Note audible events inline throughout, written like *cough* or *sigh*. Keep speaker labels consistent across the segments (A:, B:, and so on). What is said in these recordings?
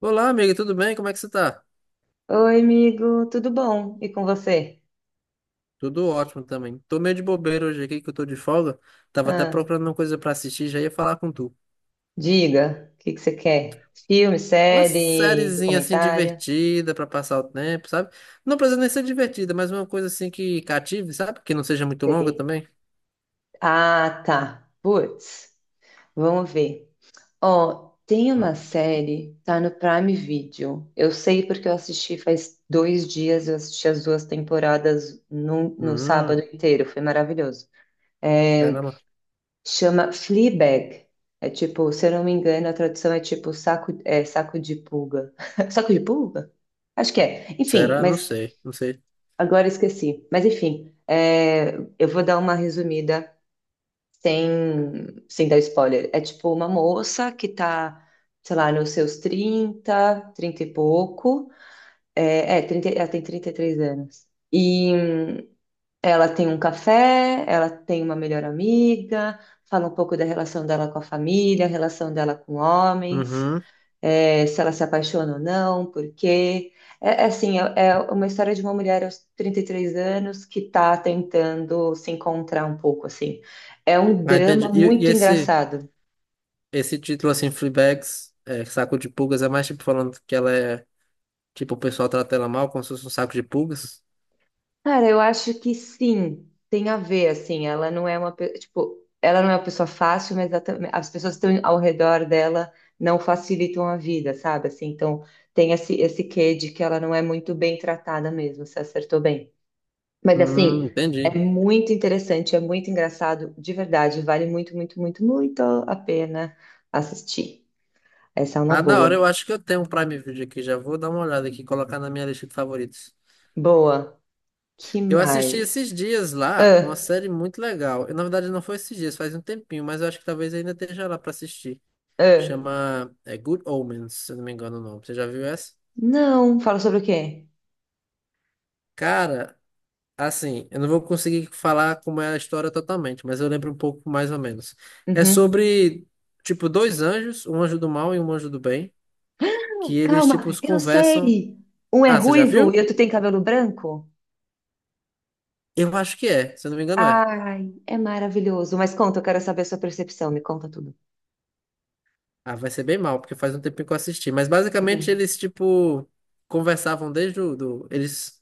A: Olá, amiga, tudo bem? Como é que você tá?
B: Oi, amigo, tudo bom? E com você?
A: Tudo ótimo também. Tô meio de bobeira hoje aqui, que eu tô de folga. Tava até
B: Ah,
A: procurando uma coisa pra assistir, já ia falar com tu.
B: diga, o que que você quer? Filme,
A: Uma
B: série,
A: sériezinha assim
B: documentário?
A: divertida pra passar o tempo, sabe? Não precisa nem ser divertida, mas uma coisa assim que cative, sabe? Que não seja muito longa
B: Sei.
A: também.
B: Ah, tá. Putz, vamos ver. Ó, tem
A: Hum,
B: uma série, tá no Prime Video. Eu sei porque eu assisti faz 2 dias, eu assisti as duas temporadas no
A: Hum,
B: sábado inteiro, foi maravilhoso. É,
A: caramba.
B: Chama Fleabag. É tipo, se eu não me engano, a tradução é tipo saco, saco de pulga. *laughs* Saco de pulga? Acho que é. Enfim,
A: Será? Não
B: mas
A: sei, não sei.
B: agora esqueci. Mas enfim, eu vou dar uma resumida sem, sem dar spoiler. É tipo uma moça que tá, sei lá, nos seus 30 30 e pouco. É, 30, ela tem 33 anos. E ela tem um café, ela tem uma melhor amiga, fala um pouco da relação dela com a família, a relação dela com homens,
A: Uhum.
B: se ela se apaixona ou não, por quê. É, assim, é uma história de uma mulher aos 33 anos que está tentando se encontrar um pouco, assim. É um
A: Ah,
B: drama
A: entendi. E, e
B: muito
A: esse,
B: engraçado.
A: esse título assim, Fleabags, é, Saco de Pulgas, é mais tipo falando que ela é... Tipo, o pessoal trata ela mal, como se fosse um saco de pulgas.
B: Cara, eu acho que sim, tem a ver, assim, ela não é uma, tipo, ela não é uma pessoa fácil, mas ela as pessoas que estão ao redor dela não facilitam a vida, sabe? Assim, então tem esse quê de que ela não é muito bem tratada mesmo, você acertou bem. Mas assim, é
A: Entendi.
B: muito interessante, é muito engraçado, de verdade, vale muito, muito, muito, muito a pena assistir. Essa é uma
A: Ah, da hora,
B: boa.
A: eu acho que eu tenho um Prime Video aqui, já vou dar uma olhada aqui, colocar na minha lista de favoritos.
B: Boa. Que
A: Eu assisti
B: mais?
A: esses dias lá uma
B: Ah,
A: série muito legal. Eu, na verdade, não foi esses dias, faz um tempinho, mas eu acho que talvez ainda esteja lá pra assistir.
B: ah.
A: Chama, é, Good Omens, se eu não me engano o nome. Você já viu essa?
B: Não, fala sobre o quê?
A: Cara, assim, eu não vou conseguir falar como é a história totalmente, mas eu lembro um pouco mais ou menos. É
B: Uhum.
A: sobre, tipo, dois anjos, um anjo do mal e um anjo do bem, que eles, tipo,
B: Calma, eu
A: conversam.
B: sei! Um é
A: Ah, você já
B: ruivo
A: viu?
B: e outro tem cabelo branco?
A: Eu acho que é, se eu não me engano é.
B: Ai, é maravilhoso. Mas conta, eu quero saber a sua percepção. Me conta tudo.
A: Ah, vai ser bem mal, porque faz um tempinho que eu assisti. Mas basicamente
B: Hum.
A: eles, tipo, conversavam desde o... Do, eles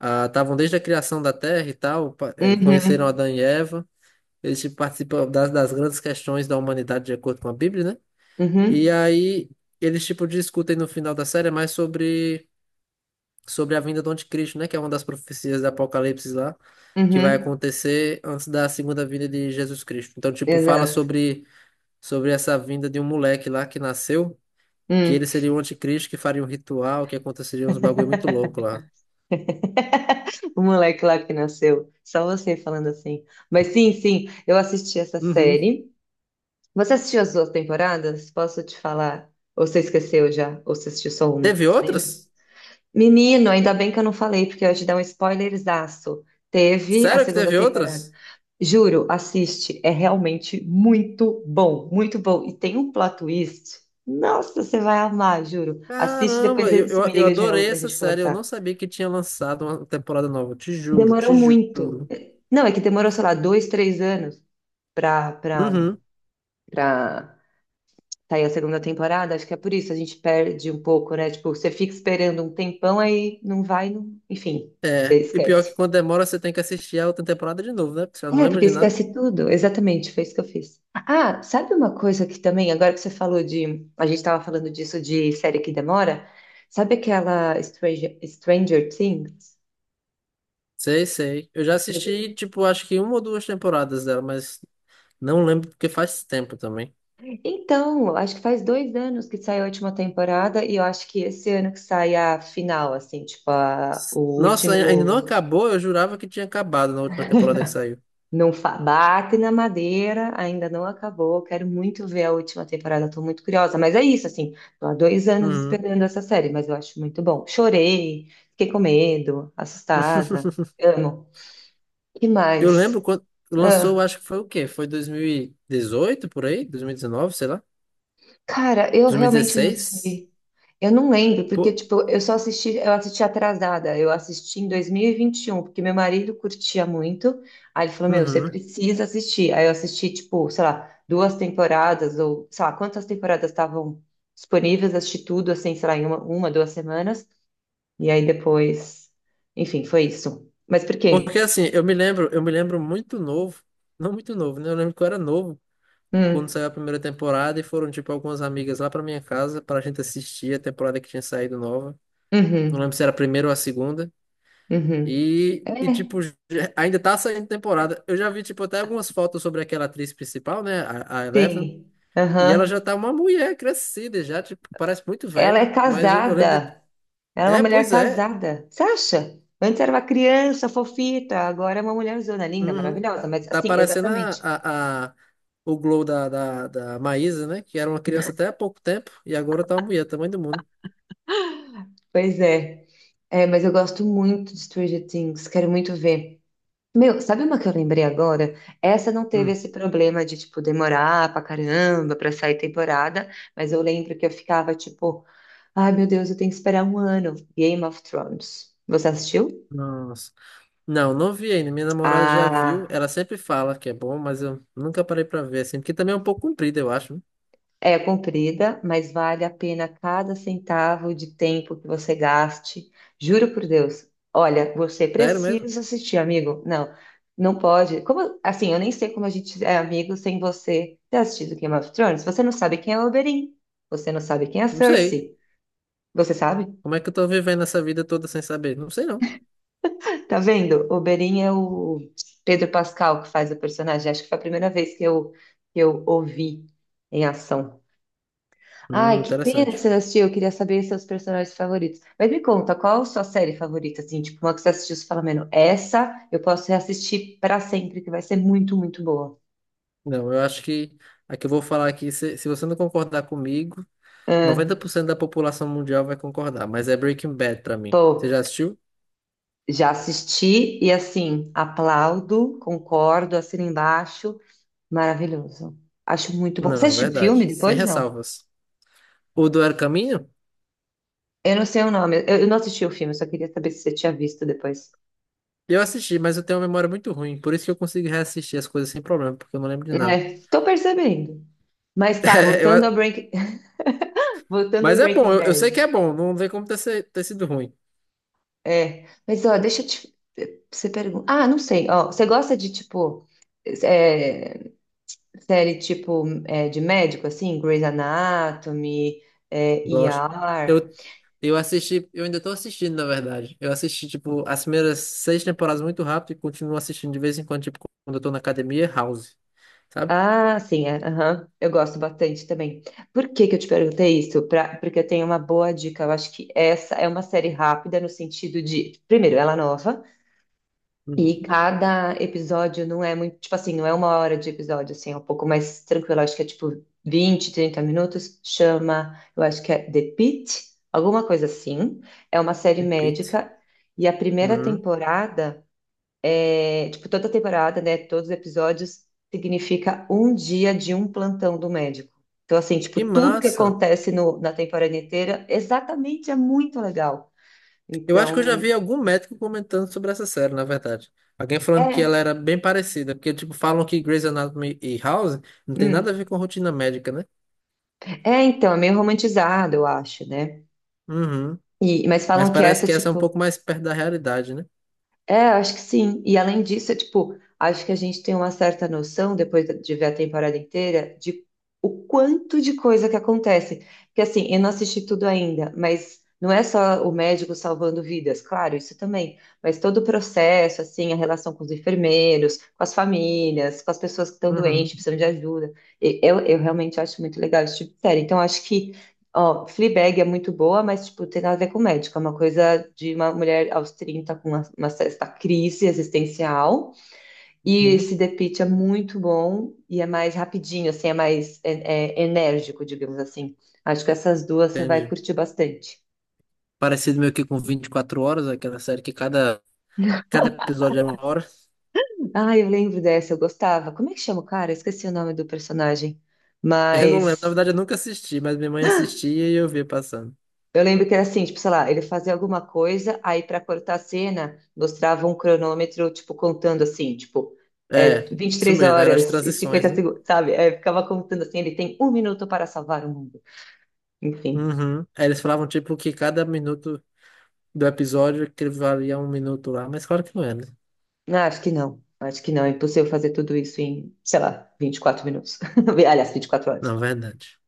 A: ah, estavam desde a criação da Terra e tal, pa- conheceram
B: Uhum,
A: Adão e Eva. Eles, tipo, participam das grandes questões da humanidade de acordo com a Bíblia, né? E
B: uhum,
A: aí eles, tipo, discutem no final da série mais sobre a vinda do Anticristo, né? Que é uma das profecias do Apocalipse lá, que vai
B: uhum.
A: acontecer antes da segunda vinda de Jesus Cristo. Então, tipo, fala
B: Exato.
A: sobre sobre essa vinda de um moleque lá que nasceu, que
B: Hum.
A: ele seria o anticristo, que faria um ritual, que aconteceria uns bagulho muito louco lá.
B: O moleque lá que nasceu. Só você falando assim. Mas sim, sim, eu assisti essa
A: Uhum.
B: série. Você assistiu as duas temporadas? Posso te falar? Ou você esqueceu já? Ou você assistiu só uma?
A: Teve
B: Você lembra?
A: outras?
B: Menino, ainda bem que eu não falei, porque eu ia te dar um spoilerzaço. Teve a
A: Sério que
B: segunda
A: teve
B: temporada.
A: outras?
B: Juro, assiste, é realmente muito bom, muito bom. E tem um plot twist. Nossa, você vai amar, juro. Assiste, depois
A: Caramba, eu,
B: você me
A: eu, eu
B: liga de novo
A: adorei
B: pra
A: essa
B: gente
A: série. Eu não
B: conversar.
A: sabia que tinha lançado uma temporada nova. Te juro,
B: Demorou
A: te
B: muito.
A: juro.
B: Não, é que demorou, sei lá, dois, três anos pra, pra,
A: Uhum.
B: pra sair a segunda temporada. Acho que é por isso, a gente perde um pouco, né? Tipo, você fica esperando um tempão, aí não vai, não... enfim, você
A: É, e pior que
B: esquece.
A: quando demora você tem que assistir a outra temporada de novo, né? Porque você não
B: É,
A: lembra
B: porque
A: de nada.
B: esquece tudo. Exatamente, foi isso que eu fiz. Ah, sabe uma coisa que também, agora que você falou de. A gente estava falando disso de série que demora. Sabe aquela Stranger Things?
A: Sei, sei. Eu já assisti, tipo, acho que uma ou duas temporadas dela, mas não lembro porque faz tempo também.
B: Então, eu acho que faz 2 anos que saiu a última temporada e eu acho que esse ano que sai a final, assim, tipo, a, o
A: Nossa, ainda não
B: último.
A: acabou? Eu jurava que tinha acabado na última temporada que saiu.
B: Não fa- Bate na madeira, ainda não acabou. Quero muito ver a última temporada, estou muito curiosa. Mas é isso, assim, tô há 2 anos
A: Uhum.
B: esperando essa série, mas eu acho muito bom. Chorei, fiquei com medo, assustada.
A: *laughs*
B: Amo. Que
A: Eu lembro
B: mais?
A: quando lançou,
B: Ah,
A: acho que foi o quê? Foi 2018 por aí? 2019, sei lá.
B: cara, eu realmente não
A: 2016?
B: sei. Eu não lembro, porque,
A: Pô,
B: tipo, eu só assisti, eu assisti atrasada. Eu assisti em dois mil e vinte e um porque meu marido curtia muito. Aí ele falou, meu, você
A: uhum.
B: precisa assistir. Aí eu assisti, tipo, sei lá, duas temporadas, ou sei lá, quantas temporadas estavam disponíveis, assisti tudo, assim, sei lá, em uma, 2 semanas. E aí depois, enfim, foi isso. Mas por
A: Porque
B: quê?
A: assim, eu me lembro muito novo. *laughs* Não muito novo, né? Eu lembro que eu era novo quando
B: Hum,
A: saiu a primeira temporada e foram, tipo, algumas amigas lá pra minha casa pra gente assistir a temporada que tinha saído nova. Não lembro
B: uhum,
A: se era a primeira ou a segunda.
B: uhum.
A: E, e
B: É,
A: tipo, já- ainda tá saindo temporada. Eu já vi, tipo, até algumas fotos sobre aquela atriz principal, né? A Eleven.
B: sim,
A: E ela já
B: aham.
A: tá uma mulher crescida, já, tipo, parece muito
B: Ela
A: velha.
B: é
A: Mas eu lembro de.
B: casada. Ela é uma
A: É,
B: mulher
A: pois é.
B: casada. Você acha? Antes era uma criança fofita, agora é uma mulherzona linda,
A: Uhum.
B: maravilhosa. Mas
A: Tá
B: assim,
A: parecendo
B: exatamente.
A: o Glow da Maísa, né? Que era uma criança até há pouco tempo. E agora tá uma mulher, tamanho do mundo.
B: Pois é. É, mas eu gosto muito de Stranger Things, quero muito ver. Meu, sabe uma que eu lembrei agora? Essa não teve
A: Hum.
B: esse problema de, tipo, demorar pra caramba pra sair temporada, mas eu lembro que eu ficava, tipo, ai meu Deus, eu tenho que esperar um ano. Game of Thrones. Você assistiu?
A: Nossa. Não, não vi ainda. Minha namorada já viu.
B: Ah.
A: Ela sempre fala que é bom, mas eu nunca parei pra ver, assim. Porque também é um pouco comprido, eu acho, né?
B: É comprida, mas vale a pena cada centavo de tempo que você gaste. Juro por Deus. Olha, você
A: Sério mesmo?
B: precisa assistir, amigo. Não, não pode. Como assim? Eu nem sei como a gente é amigo sem você ter assistido Game of Thrones. Você não sabe quem é o Oberyn. Você não sabe quem é a
A: Não sei.
B: Cersei. Você sabe?
A: Como é que eu tô vivendo essa vida toda sem saber? Não sei, não.
B: Tá vendo? O Oberyn é o Pedro Pascal que faz o personagem. Acho que foi a primeira vez que eu ouvi em ação. Ai, que pena que
A: Interessante.
B: você não assistiu. Eu queria saber seus personagens favoritos. Mas me conta, qual a sua série favorita, assim? Tipo, uma que você assistiu, você fala, mano, essa eu posso reassistir pra sempre, que vai ser muito, muito boa.
A: Não, eu acho que a que eu vou falar aqui, se você não concordar comigo,
B: Ah,
A: 90% da população mundial vai concordar, mas é Breaking Bad pra mim. Você já
B: pô,
A: assistiu?
B: já assisti e, assim, aplaudo, concordo, assino embaixo. Maravilhoso. Acho muito bom. Você
A: Não,
B: assistiu o
A: verdade.
B: filme
A: Sem
B: depois? Não.
A: ressalvas. O do El Caminho?
B: Eu não sei o nome. Eu não assisti o filme, eu só queria saber se você tinha visto depois.
A: Eu assisti, mas eu tenho uma memória muito ruim, por isso que eu consigo reassistir as coisas sem problema, porque eu não lembro de nada.
B: É, tô percebendo. Mas tá,
A: *laughs* Eu a-
B: *laughs* Voltando ao
A: mas é bom,
B: Breaking
A: eu sei
B: Bad.
A: que é bom, não tem como ter, se- ter sido ruim.
B: É, mas ó, deixa eu te. Você pergunta. Ah, não sei. Ó, você gosta de tipo é, série tipo de médico assim, Grey's Anatomy,
A: Gosto.
B: ER?
A: Eu, eu assisti, eu ainda tô assistindo, na verdade. Eu assisti, tipo, as primeiras seis temporadas muito rápido e continuo assistindo de vez em quando, tipo, quando eu tô na academia, House, sabe?
B: Ah, sim, é, aham. Eu gosto bastante também. Por que que eu te perguntei isso? Porque eu tenho uma boa dica. Eu acho que essa é uma série rápida no sentido de, primeiro, ela é nova. E
A: Uhum.
B: cada episódio não é muito, tipo assim, não é uma hora de episódio, assim, é um pouco mais tranquilo. Acho que é tipo 20 30 minutos. Chama, eu acho que é The Pitt, alguma coisa assim. É uma série
A: Repito.
B: médica. E a primeira
A: Uhum.
B: temporada é, tipo, toda temporada, né? Todos os episódios significa um dia de um plantão do médico. Então, assim, tipo,
A: Que
B: tudo que
A: massa!
B: acontece na temporada inteira, exatamente, é muito legal.
A: Eu acho que eu já
B: Então,
A: vi algum médico comentando sobre essa série, na verdade. Alguém falando que ela
B: é.
A: era bem parecida, porque, tipo, falam que Grey's Anatomy e House não tem nada a
B: Hum.
A: ver com rotina médica, né?
B: É, então, é meio romantizado, eu acho, né?
A: Uhum.
B: E, mas
A: Mas
B: falam que
A: parece
B: essa,
A: que essa é um
B: tipo,
A: pouco mais perto da realidade, né?
B: eu acho que sim. E além disso, é, tipo, acho que a gente tem uma certa noção, depois de ver a temporada inteira, de o quanto de coisa que acontece. Porque, assim, eu não assisti tudo ainda, mas não é só o médico salvando vidas, claro, isso também. Mas todo o processo, assim, a relação com os enfermeiros, com as famílias, com as pessoas que estão
A: Uhum.
B: doentes, precisando de ajuda. Eu realmente acho muito legal esse tipo de série. Então, acho que. Ó, Fleabag é muito boa, mas, tipo, tem nada a ver com médico. É uma coisa de uma mulher aos 30 com uma certa crise existencial. E
A: Uhum.
B: esse The Pitt é muito bom e é mais rapidinho, assim, é mais enérgico, digamos assim. Acho que essas duas você vai
A: Entendi.
B: curtir bastante.
A: Parecido meio que com 24 horas, aquela série que cada episódio era uma hora.
B: Ah, eu lembro dessa, eu gostava. Como é que chama o cara? Eu esqueci o nome do personagem.
A: *laughs* Eu não lembro, na
B: Mas
A: verdade eu nunca assisti, mas minha mãe assistia e eu via passando.
B: eu lembro que era assim, tipo, sei lá, ele fazia alguma coisa, aí para cortar a cena, mostrava um cronômetro, tipo, contando assim, tipo,
A: É,
B: vinte e
A: isso
B: três
A: mesmo, eram as
B: horas e
A: transições,
B: 50
A: né?
B: segundos, sabe? É, ficava contando assim, ele tem um minuto para salvar o mundo. Enfim,
A: Uhum. Aí eles falavam tipo que cada minuto do episódio que ele valia um minuto lá, mas claro que não é, né?
B: ah, acho que não, é impossível fazer tudo isso em, sei lá, 24 minutos. *laughs* Aliás, 24 horas.
A: Não, é verdade.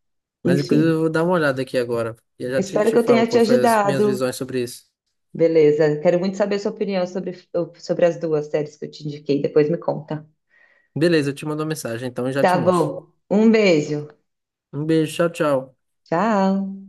A: Mas inclusive eu
B: Enfim,
A: vou dar uma olhada aqui agora. E eu já te,
B: espero
A: te
B: que eu
A: falo
B: tenha te
A: qual foi as minhas
B: ajudado.
A: visões sobre isso.
B: Beleza, quero muito saber a sua opinião sobre, as duas séries que eu te indiquei, depois me conta.
A: Beleza, eu te mando uma mensagem, então eu já te
B: Tá
A: mostro.
B: bom, um beijo.
A: Um beijo, tchau, tchau.
B: Tchau!